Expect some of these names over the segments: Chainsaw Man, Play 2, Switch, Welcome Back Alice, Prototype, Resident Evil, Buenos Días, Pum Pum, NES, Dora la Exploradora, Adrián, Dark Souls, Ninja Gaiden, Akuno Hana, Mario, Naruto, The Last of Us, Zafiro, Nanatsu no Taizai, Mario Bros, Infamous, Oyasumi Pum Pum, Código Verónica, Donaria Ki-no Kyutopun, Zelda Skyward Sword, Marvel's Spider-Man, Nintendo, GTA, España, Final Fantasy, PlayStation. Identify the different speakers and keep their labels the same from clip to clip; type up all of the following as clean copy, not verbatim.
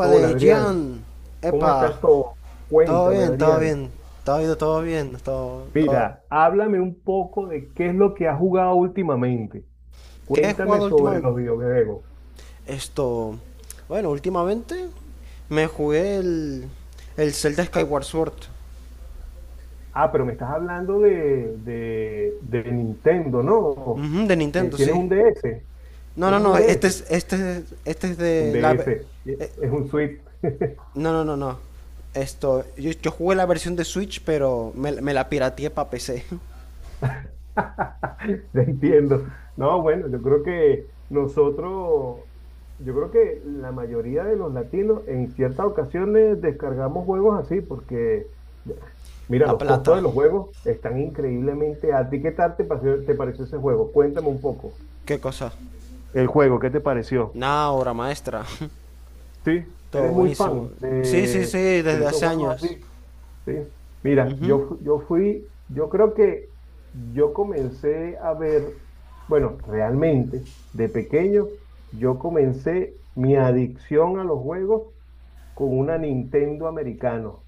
Speaker 1: Hola Adrián,
Speaker 2: Gian.
Speaker 1: ¿cómo estás
Speaker 2: Epa.
Speaker 1: todo?
Speaker 2: Todo
Speaker 1: Cuéntame
Speaker 2: bien, todo
Speaker 1: Adrián.
Speaker 2: bien. Todo ha ido todo bien.
Speaker 1: Mira, háblame un poco de qué es lo que has jugado últimamente.
Speaker 2: ¿Qué he
Speaker 1: Cuéntame
Speaker 2: jugado
Speaker 1: sobre
Speaker 2: últimamente?
Speaker 1: los videojuegos.
Speaker 2: Esto. Bueno, últimamente me jugué el. El Zelda Skyward Sword.
Speaker 1: Ah, pero me estás hablando de Nintendo, ¿no?
Speaker 2: Ujú, de Nintendo,
Speaker 1: ¿Tienes
Speaker 2: sí.
Speaker 1: un DS?
Speaker 2: No, no,
Speaker 1: ¿Tienes
Speaker 2: no.
Speaker 1: un DS?
Speaker 2: Este es
Speaker 1: Un
Speaker 2: de la. Ve-
Speaker 1: DS.
Speaker 2: eh,
Speaker 1: Es un Switch.
Speaker 2: no, no, no, no. Esto. Yo jugué la versión de Switch, pero me la pirateé para PC.
Speaker 1: Te entiendo. No, bueno, yo creo que nosotros, yo creo que la mayoría de los latinos en ciertas ocasiones descargamos juegos así porque, mira,
Speaker 2: La
Speaker 1: los costos de
Speaker 2: plata.
Speaker 1: los juegos están increíblemente altos. ¿Y qué tal te pareció ese juego? Cuéntame un poco.
Speaker 2: ¿Qué cosa?
Speaker 1: El juego, ¿qué te pareció?
Speaker 2: Nada, obra maestra.
Speaker 1: Sí,
Speaker 2: Todo
Speaker 1: eres muy
Speaker 2: buenísimo.
Speaker 1: fan
Speaker 2: Sí, sí, sí,
Speaker 1: de
Speaker 2: desde
Speaker 1: esos
Speaker 2: hace
Speaker 1: juegos
Speaker 2: años.
Speaker 1: así. Sí. Mira, yo,
Speaker 2: Ujú.
Speaker 1: yo fui, yo creo que yo comencé a ver, bueno, realmente, de pequeño, yo comencé mi adicción a los juegos con una Nintendo americano,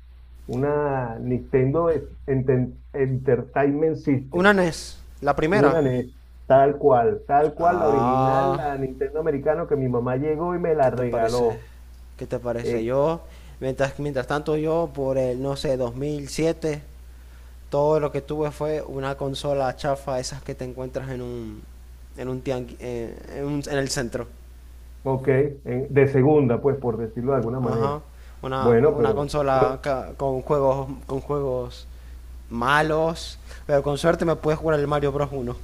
Speaker 1: una Nintendo Entertainment System,
Speaker 2: Una NES, la primera.
Speaker 1: una NES, tal cual, la original,
Speaker 2: Ah,
Speaker 1: la Nintendo americano que mi mamá llegó y me
Speaker 2: ¿qué
Speaker 1: la
Speaker 2: te parece?
Speaker 1: regaló,
Speaker 2: ¿Qué te parece?
Speaker 1: ex,
Speaker 2: Yo, mientras tanto yo, por el, no sé, 2007, todo lo que tuve fue una consola chafa, esas que te encuentras en un, en un en, en el centro.
Speaker 1: ok, de segunda, pues, por decirlo de alguna
Speaker 2: Ajá.
Speaker 1: manera.
Speaker 2: Una,
Speaker 1: Bueno,
Speaker 2: una
Speaker 1: pero
Speaker 2: consola
Speaker 1: bueno,
Speaker 2: con juegos malos, pero con suerte me puedes jugar el Mario Bros. 1.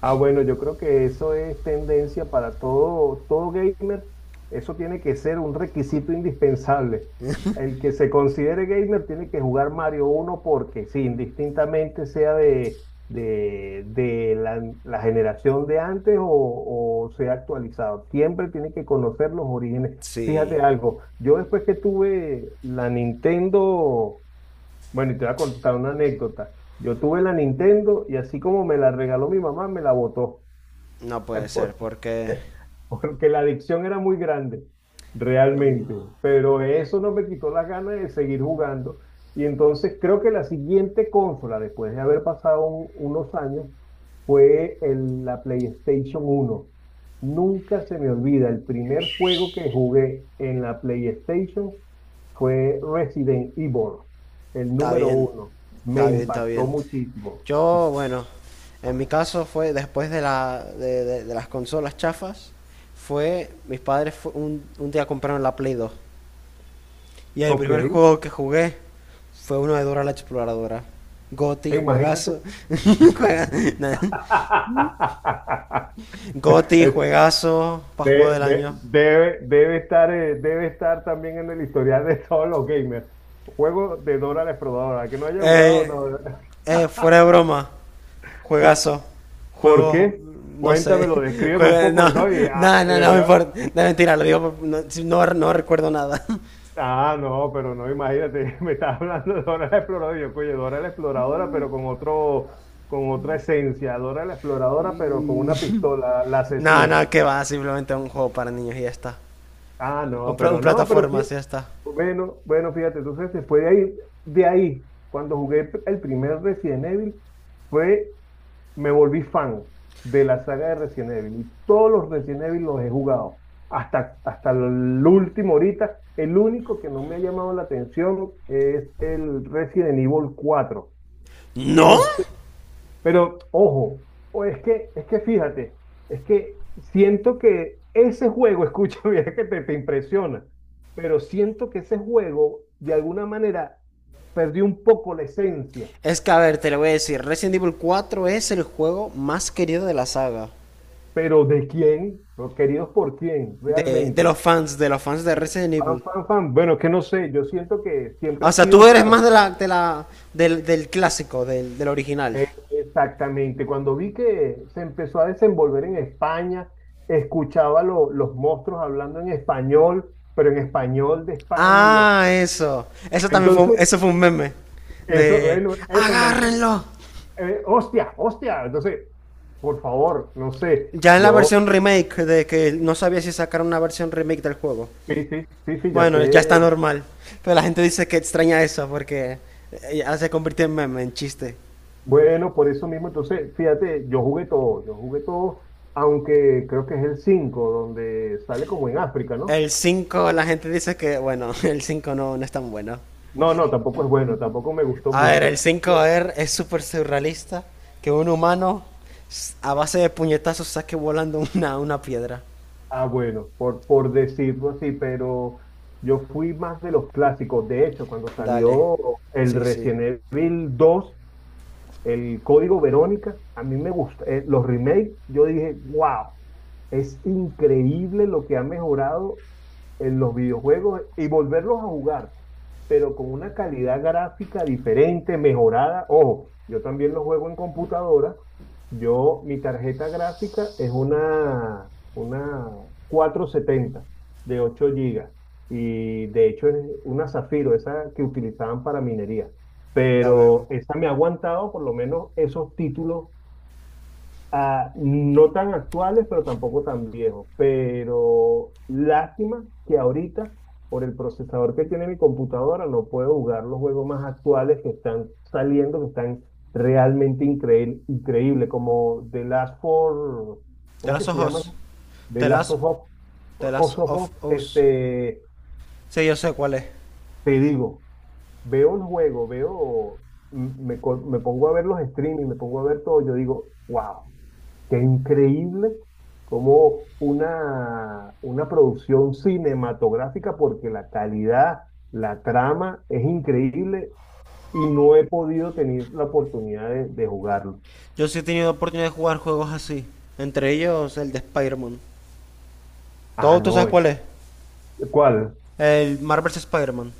Speaker 1: ah, bueno, yo creo que eso es tendencia para todo, todo gamer. Eso tiene que ser un requisito indispensable. El que se considere gamer tiene que jugar Mario uno porque sí, indistintamente sea de la, la generación de antes o sea actualizado. Siempre tiene que conocer los orígenes.
Speaker 2: Sí.
Speaker 1: Fíjate algo, yo después que tuve la Nintendo. Bueno, y te voy a contar una anécdota. Yo tuve la Nintendo y así como me la regaló mi mamá, me la botó.
Speaker 2: No puede ser,
Speaker 1: por-
Speaker 2: porque
Speaker 1: porque la adicción era muy grande,
Speaker 2: Dios mío.
Speaker 1: realmente. Pero eso no me quitó las ganas de seguir jugando. Y entonces creo que la siguiente consola, después de haber pasado unos años, fue la PlayStation uno. Nunca se me olvida, el primer juego que jugué en la PlayStation fue Resident Evil, el
Speaker 2: Está
Speaker 1: número
Speaker 2: bien,
Speaker 1: uno. Me
Speaker 2: está bien, está
Speaker 1: impactó
Speaker 2: bien.
Speaker 1: muchísimo.
Speaker 2: Yo, bueno, en mi caso fue después de, de las consolas chafas, fue, mis padres un día compraron la Play 2. Y el
Speaker 1: Ok,
Speaker 2: primer juego que jugué fue uno de Dora la Exploradora. Goti, juegazo.
Speaker 1: imagínate.
Speaker 2: Juega- na- Goti,
Speaker 1: Es-
Speaker 2: juegazo, para juego del año.
Speaker 1: Debe, debe estar también en el historial de todos los gamers. Juego de Dora la Exploradora. Que no haya jugado,
Speaker 2: Eh,
Speaker 1: no.
Speaker 2: fuera de broma, juegazo,
Speaker 1: ¿Por
Speaker 2: juego,
Speaker 1: qué?
Speaker 2: no sé,
Speaker 1: Cuéntamelo, descríbeme un
Speaker 2: no,
Speaker 1: poco. Y no, y, ah,
Speaker 2: no, no, no me importa, no mentira, lo digo, no, no, no recuerdo nada,
Speaker 1: ah, no, pero no, imagínate, me estás hablando de Dora la Exploradora. Y yo, coño, Dora la Exploradora, pero con otro, con otra esencia. Dora la Exploradora, pero con una pistola, la
Speaker 2: no,
Speaker 1: asesina.
Speaker 2: no, que va, simplemente un juego para niños y ya está,
Speaker 1: Ah,
Speaker 2: un,
Speaker 1: no,
Speaker 2: un
Speaker 1: pero no,
Speaker 2: plataformas y ya está.
Speaker 1: bueno, bueno, fíjate, entonces se fue de ahí, cuando jugué el primer Resident Evil, fue, me volví fan de la saga de Resident Evil y todos los Resident Evil los he jugado, hasta, hasta el último ahorita, el único que no me ha llamado la atención es el Resident Evil cuatro y
Speaker 2: ¿No?
Speaker 1: no sé, pero ojo, o es que fíjate, es que siento que ese juego, escucha, mira que te impresiona, pero siento que ese juego de alguna manera perdió un poco la esencia.
Speaker 2: Es que, a ver, te lo voy a decir, Resident Evil 4 es el juego más querido de la saga,
Speaker 1: Pero ¿de quién? Los queridos por quién,
Speaker 2: de
Speaker 1: realmente.
Speaker 2: los fans, de los fans de Resident
Speaker 1: Fan,
Speaker 2: Evil.
Speaker 1: fan, fan. Bueno, es que no sé, yo siento que siempre
Speaker 2: O
Speaker 1: ha
Speaker 2: sea, tú
Speaker 1: sido,
Speaker 2: eres más
Speaker 1: claro.
Speaker 2: de del, del clásico, del, del original.
Speaker 1: Exactamente, cuando vi que se empezó a desenvolver en España, escuchaba los monstruos hablando en español, pero en español de España y yo.
Speaker 2: Ah, eso. Eso también fue,
Speaker 1: Entonces,
Speaker 2: eso fue un meme.
Speaker 1: eso,
Speaker 2: De,
Speaker 1: bueno, eso me hizo,
Speaker 2: agárrenlo.
Speaker 1: hostia, hostia. Entonces, por favor, no sé,
Speaker 2: Ya en la
Speaker 1: yo,
Speaker 2: versión remake, de que no sabía si sacar una versión remake del juego.
Speaker 1: sí, sí, sí, sí, ya
Speaker 2: Bueno, ya está
Speaker 1: sé.
Speaker 2: normal. Pero la gente dice que extraña eso porque ya se convirtió en meme, en chiste.
Speaker 1: Bueno, por eso mismo, entonces, fíjate, yo jugué todo, aunque creo que es el 5 donde sale como en África, ¿no?
Speaker 2: El 5, la gente dice que, bueno, el 5 no, no es tan bueno.
Speaker 1: No, no, tampoco es bueno, tampoco me gustó
Speaker 2: A ver,
Speaker 1: mucho.
Speaker 2: el 5
Speaker 1: Yo,
Speaker 2: a es súper surrealista que un humano a base de puñetazos saque volando una piedra.
Speaker 1: ah, bueno, por decirlo así, pero yo fui más de los clásicos. De hecho, cuando
Speaker 2: Dale.
Speaker 1: salió el
Speaker 2: Sí, sí.
Speaker 1: Resident Evil dos, el Código Verónica, a mí me gusta. Los remakes, yo dije, wow, es increíble lo que ha mejorado en los videojuegos y volverlos a jugar, pero con una calidad gráfica diferente, mejorada. Ojo, yo también los juego en computadora. Yo, mi tarjeta gráfica es una 470 de 8 gigas y de hecho es una Zafiro, esa que utilizaban para minería,
Speaker 2: Ya
Speaker 1: pero
Speaker 2: veo.
Speaker 1: esa me ha aguantado por lo menos esos títulos, ah, no tan actuales, pero tampoco tan viejos. Pero lástima que ahorita, por el procesador que tiene mi computadora, no puedo jugar los juegos más actuales que están saliendo, que están realmente increíble, increíble, como The Last for,
Speaker 2: The
Speaker 1: ¿cómo es
Speaker 2: Last
Speaker 1: que
Speaker 2: of
Speaker 1: se llama?
Speaker 2: Us.
Speaker 1: The
Speaker 2: The
Speaker 1: Last
Speaker 2: Last,
Speaker 1: of Us,
Speaker 2: The Last
Speaker 1: Us of
Speaker 2: of
Speaker 1: Us,
Speaker 2: Us.
Speaker 1: este,
Speaker 2: Sí, yo sé cuál es.
Speaker 1: te digo. Veo el juego, veo, me pongo a ver los streaming, me pongo a ver todo, yo digo, wow, qué increíble, como una producción cinematográfica, porque la calidad, la trama es increíble y no he podido tener la oportunidad de jugarlo.
Speaker 2: Yo sí he tenido oportunidad de jugar juegos así. Entre ellos el de Spider-Man.
Speaker 1: Ah,
Speaker 2: ¿Todo tú
Speaker 1: no,
Speaker 2: sabes cuál es?
Speaker 1: ¿cuál?
Speaker 2: El Marvel's Spider-Man.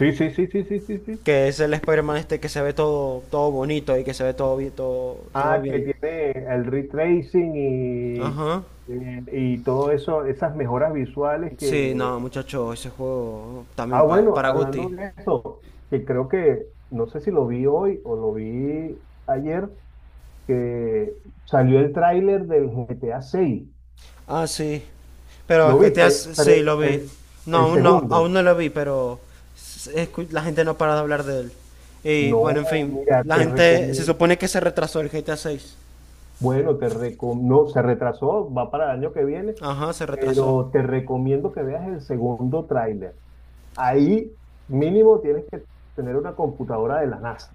Speaker 1: Sí, sí, sí, sí, sí, sí, sí.
Speaker 2: Que es el Spider-Man este que se ve todo, todo bonito y que se ve todo bien, todo, todo
Speaker 1: Ah, que
Speaker 2: bien.
Speaker 1: tiene el retracing
Speaker 2: Ajá.
Speaker 1: y todo eso, esas mejoras visuales
Speaker 2: Sí,
Speaker 1: que
Speaker 2: no, muchacho, ese juego
Speaker 1: ah,
Speaker 2: también
Speaker 1: bueno,
Speaker 2: para Gotti.
Speaker 1: hablando de eso, que creo que, no sé si lo vi hoy o lo vi ayer, que salió el tráiler del GTA 6.
Speaker 2: Ah, sí. Pero es
Speaker 1: ¿Lo
Speaker 2: que te has...
Speaker 1: viste? Pero
Speaker 2: Sí, lo vi.
Speaker 1: el,
Speaker 2: No,
Speaker 1: el
Speaker 2: aún no,
Speaker 1: segundo.
Speaker 2: aún no lo vi, pero la gente no para de hablar de él. Y
Speaker 1: No,
Speaker 2: bueno, en fin,
Speaker 1: mira,
Speaker 2: la
Speaker 1: te
Speaker 2: gente se
Speaker 1: recomiendo.
Speaker 2: supone que se retrasó el GTA 6.
Speaker 1: Bueno, te recomiendo. Se retrasó, va para el año que viene,
Speaker 2: Ajá, se retrasó.
Speaker 1: pero te recomiendo que veas el segundo tráiler. Ahí mínimo tienes que tener una computadora de la NASA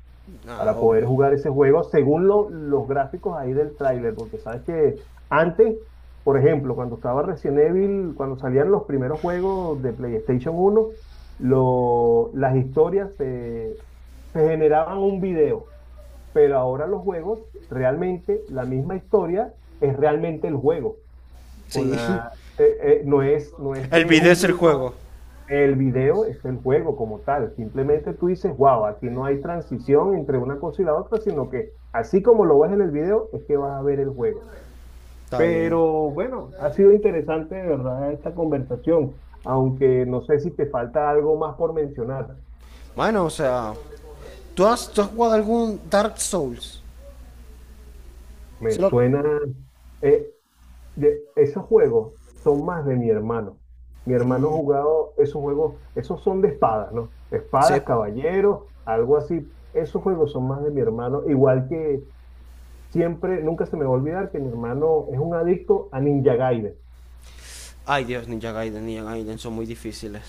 Speaker 2: Ah,
Speaker 1: para poder
Speaker 2: obvio.
Speaker 1: jugar ese juego según los gráficos ahí del tráiler, porque sabes que antes, por ejemplo, cuando estaba Resident Evil, cuando salían los primeros juegos de PlayStation uno, las historias se, se generaban un video, pero ahora los juegos, realmente la misma historia es realmente el juego, con
Speaker 2: Sí.
Speaker 1: la, no es, no es
Speaker 2: El
Speaker 1: que es
Speaker 2: video
Speaker 1: un
Speaker 2: es el
Speaker 1: video.
Speaker 2: juego.
Speaker 1: El video es el juego como tal. Simplemente tú dices, wow, aquí no hay transición entre una cosa y la otra, sino que así como lo ves en el video, es que vas a ver el juego.
Speaker 2: Está bien.
Speaker 1: Pero bueno, ha sido interesante, de verdad, esta conversación. Aunque no sé si te falta algo más por mencionar.
Speaker 2: Bueno, o sea, tú has jugado algún Dark Souls?
Speaker 1: Me
Speaker 2: Solo...
Speaker 1: suena, eh, esos juegos son más de mi hermano. Mi hermano ha jugado esos juegos, esos son de espadas, ¿no?
Speaker 2: Sí.
Speaker 1: Espadas, caballeros, algo así. Esos juegos son más de mi hermano, igual que siempre, nunca se me va a olvidar que mi hermano es un adicto a Ninja Gaiden.
Speaker 2: Ay, Dios, Ninja Gaiden son muy difíciles.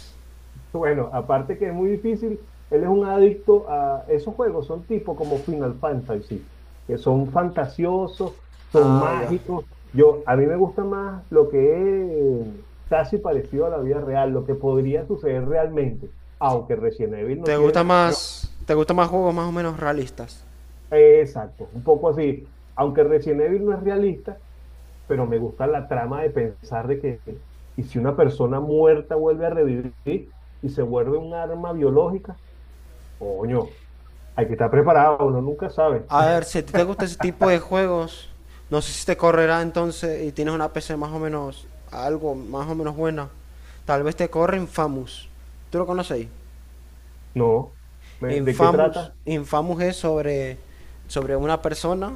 Speaker 1: Bueno, aparte que es muy difícil, él es un adicto a esos juegos, son tipo como Final Fantasy, que son fantasiosos, son
Speaker 2: Ah, ya.
Speaker 1: mágicos. Yo, a mí me gusta más lo que es casi parecido a la vida real, lo que podría suceder realmente, aunque Resident Evil no tiene nada. Bueno,
Speaker 2: Te gusta más juegos más o menos realistas?
Speaker 1: exacto, un poco así. Aunque Resident Evil no es realista, pero me gusta la trama de pensar de que, y si una persona muerta vuelve a revivir y se vuelve un arma biológica, coño, hay que estar preparado, uno nunca sabe.
Speaker 2: A ver, si a ti te gusta ese tipo de juegos, no sé si te correrá entonces y tienes una PC más o menos, algo más o menos buena. Tal vez te corre Infamous. ¿Tú lo conocéis?
Speaker 1: No, ¿de qué
Speaker 2: Infamous,
Speaker 1: trata?
Speaker 2: Infamous es sobre, sobre una persona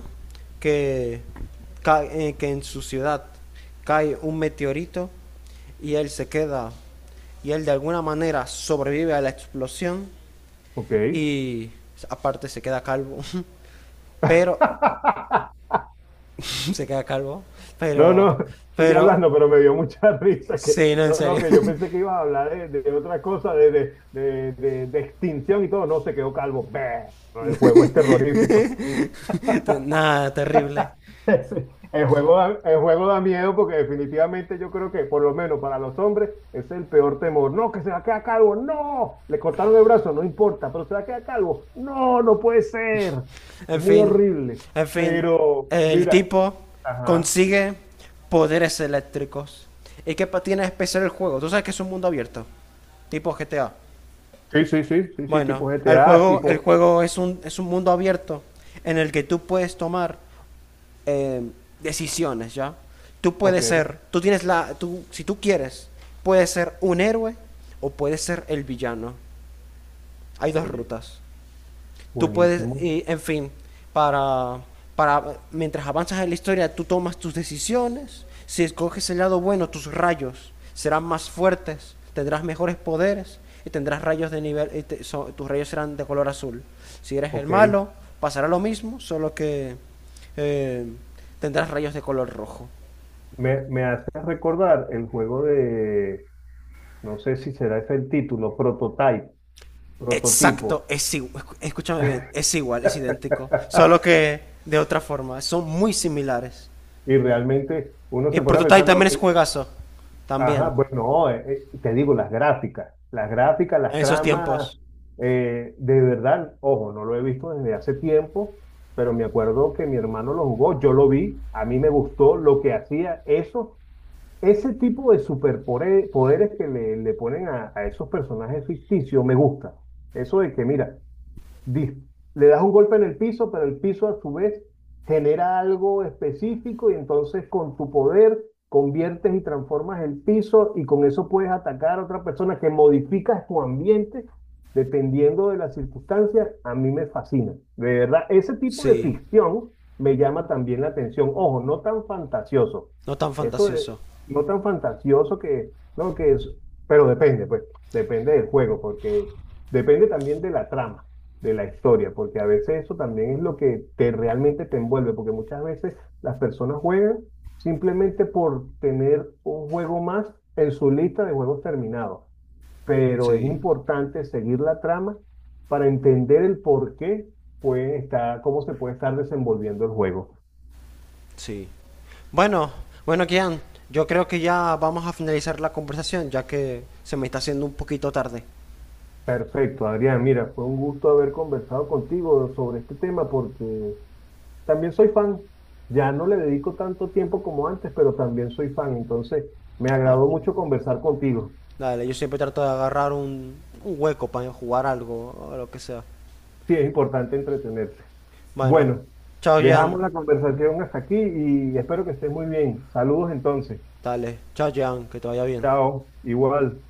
Speaker 2: que, que en su ciudad cae un meteorito y él se queda y él de alguna manera sobrevive a la explosión
Speaker 1: Ok.
Speaker 2: y aparte se queda calvo. Pero se queda calvo.
Speaker 1: No,
Speaker 2: Pero,
Speaker 1: no, sigue
Speaker 2: pero,
Speaker 1: hablando, pero me dio mucha risa que,
Speaker 2: sí, no, en
Speaker 1: no, no,
Speaker 2: serio.
Speaker 1: que yo pensé que ibas a hablar de otra cosa, de extinción y todo, no, se quedó calvo. Bah, el juego es terrorífico.
Speaker 2: Nada, terrible.
Speaker 1: Sí, el juego da, el juego da miedo porque definitivamente yo creo que por lo menos para los hombres es el peor temor. No, que se va a quedar calvo. No, le cortaron el brazo, no importa, pero se va a quedar calvo. No, no puede ser.
Speaker 2: En
Speaker 1: Es muy
Speaker 2: fin,
Speaker 1: horrible.
Speaker 2: en fin,
Speaker 1: Pero
Speaker 2: el
Speaker 1: mira,
Speaker 2: tipo
Speaker 1: ajá.
Speaker 2: consigue poderes eléctricos. ¿Y qué tiene de especial el juego? Tú sabes que es un mundo abierto, tipo GTA.
Speaker 1: Sí, sí, sí, sí, sí,
Speaker 2: Bueno,
Speaker 1: tipo GTA,
Speaker 2: el
Speaker 1: tipo,
Speaker 2: juego es un mundo abierto en el que tú puedes tomar eh, decisiones, ¿ya?
Speaker 1: ok,
Speaker 2: Tú tienes la, tú, si tú quieres, puedes ser un héroe o puedes ser el villano. Hay dos
Speaker 1: oye,
Speaker 2: rutas. Tú puedes,
Speaker 1: buenísimo.
Speaker 2: en fin, para, para mientras avanzas en la historia, tú tomas tus decisiones. Si escoges el lado bueno, tus rayos serán más fuertes, tendrás mejores poderes y tendrás rayos de nivel, y tus rayos serán de color azul. Si eres el
Speaker 1: Ok,
Speaker 2: malo, pasará lo mismo, solo que eh, tendrás rayos de color rojo.
Speaker 1: me hace recordar el juego de, no sé si será ese el título, Prototype, prototipo.
Speaker 2: Exacto, es igual, escúchame bien, es igual, es idéntico, solo que de otra forma, son muy similares.
Speaker 1: Y realmente uno
Speaker 2: Y
Speaker 1: se pone a
Speaker 2: Prototype
Speaker 1: pensar, no,
Speaker 2: también es
Speaker 1: que,
Speaker 2: juegazo.
Speaker 1: ajá,
Speaker 2: También.
Speaker 1: bueno, te digo, las gráficas, las gráficas,
Speaker 2: En
Speaker 1: las
Speaker 2: esos
Speaker 1: tramas,
Speaker 2: tiempos.
Speaker 1: de verdad, ojo, no lo he visto desde hace tiempo, pero me acuerdo que mi hermano lo jugó, yo lo vi, a mí me gustó lo que hacía eso, ese tipo de superpoderes que le ponen a esos personajes ficticios, me gusta. Eso de que, mira, dis- le das un golpe en el piso, pero el piso a su vez genera algo específico y entonces con tu poder conviertes y transformas el piso y con eso puedes atacar a otra persona, que modificas tu ambiente dependiendo de las circunstancias. A mí me fascina. De verdad, ese tipo de
Speaker 2: Sí.
Speaker 1: ficción me llama también la atención. Ojo, no tan fantasioso.
Speaker 2: No tan
Speaker 1: Eso es,
Speaker 2: fantasioso.
Speaker 1: no tan fantasioso que, no, que es, pero depende, pues, depende del juego, porque depende también de la trama de la historia, porque a veces eso también es lo que te realmente te envuelve, porque muchas veces las personas juegan simplemente por tener un juego más en su lista de juegos terminados, pero es
Speaker 2: Sí.
Speaker 1: importante seguir la trama para entender el por qué puede estar, cómo se puede estar desenvolviendo el juego.
Speaker 2: Sí. Bueno, bueno, Kian. Yo creo que ya vamos a finalizar la conversación, ya que se me está haciendo un poquito tarde.
Speaker 1: Perfecto, Adrián, mira, fue un gusto haber conversado contigo sobre este tema porque también soy fan. Ya no le dedico tanto tiempo como antes, pero también soy fan. Entonces, me
Speaker 2: Bueno,
Speaker 1: agradó mucho conversar contigo.
Speaker 2: dale, yo siempre trato de agarrar un hueco para jugar algo o lo que sea.
Speaker 1: Sí, es importante entretenerse.
Speaker 2: Bueno,
Speaker 1: Bueno,
Speaker 2: chao, Jan.
Speaker 1: dejamos la conversación hasta aquí y espero que estés muy bien. Saludos entonces.
Speaker 2: Dale, chao, Jan, que te vaya bien.
Speaker 1: Chao. Igual.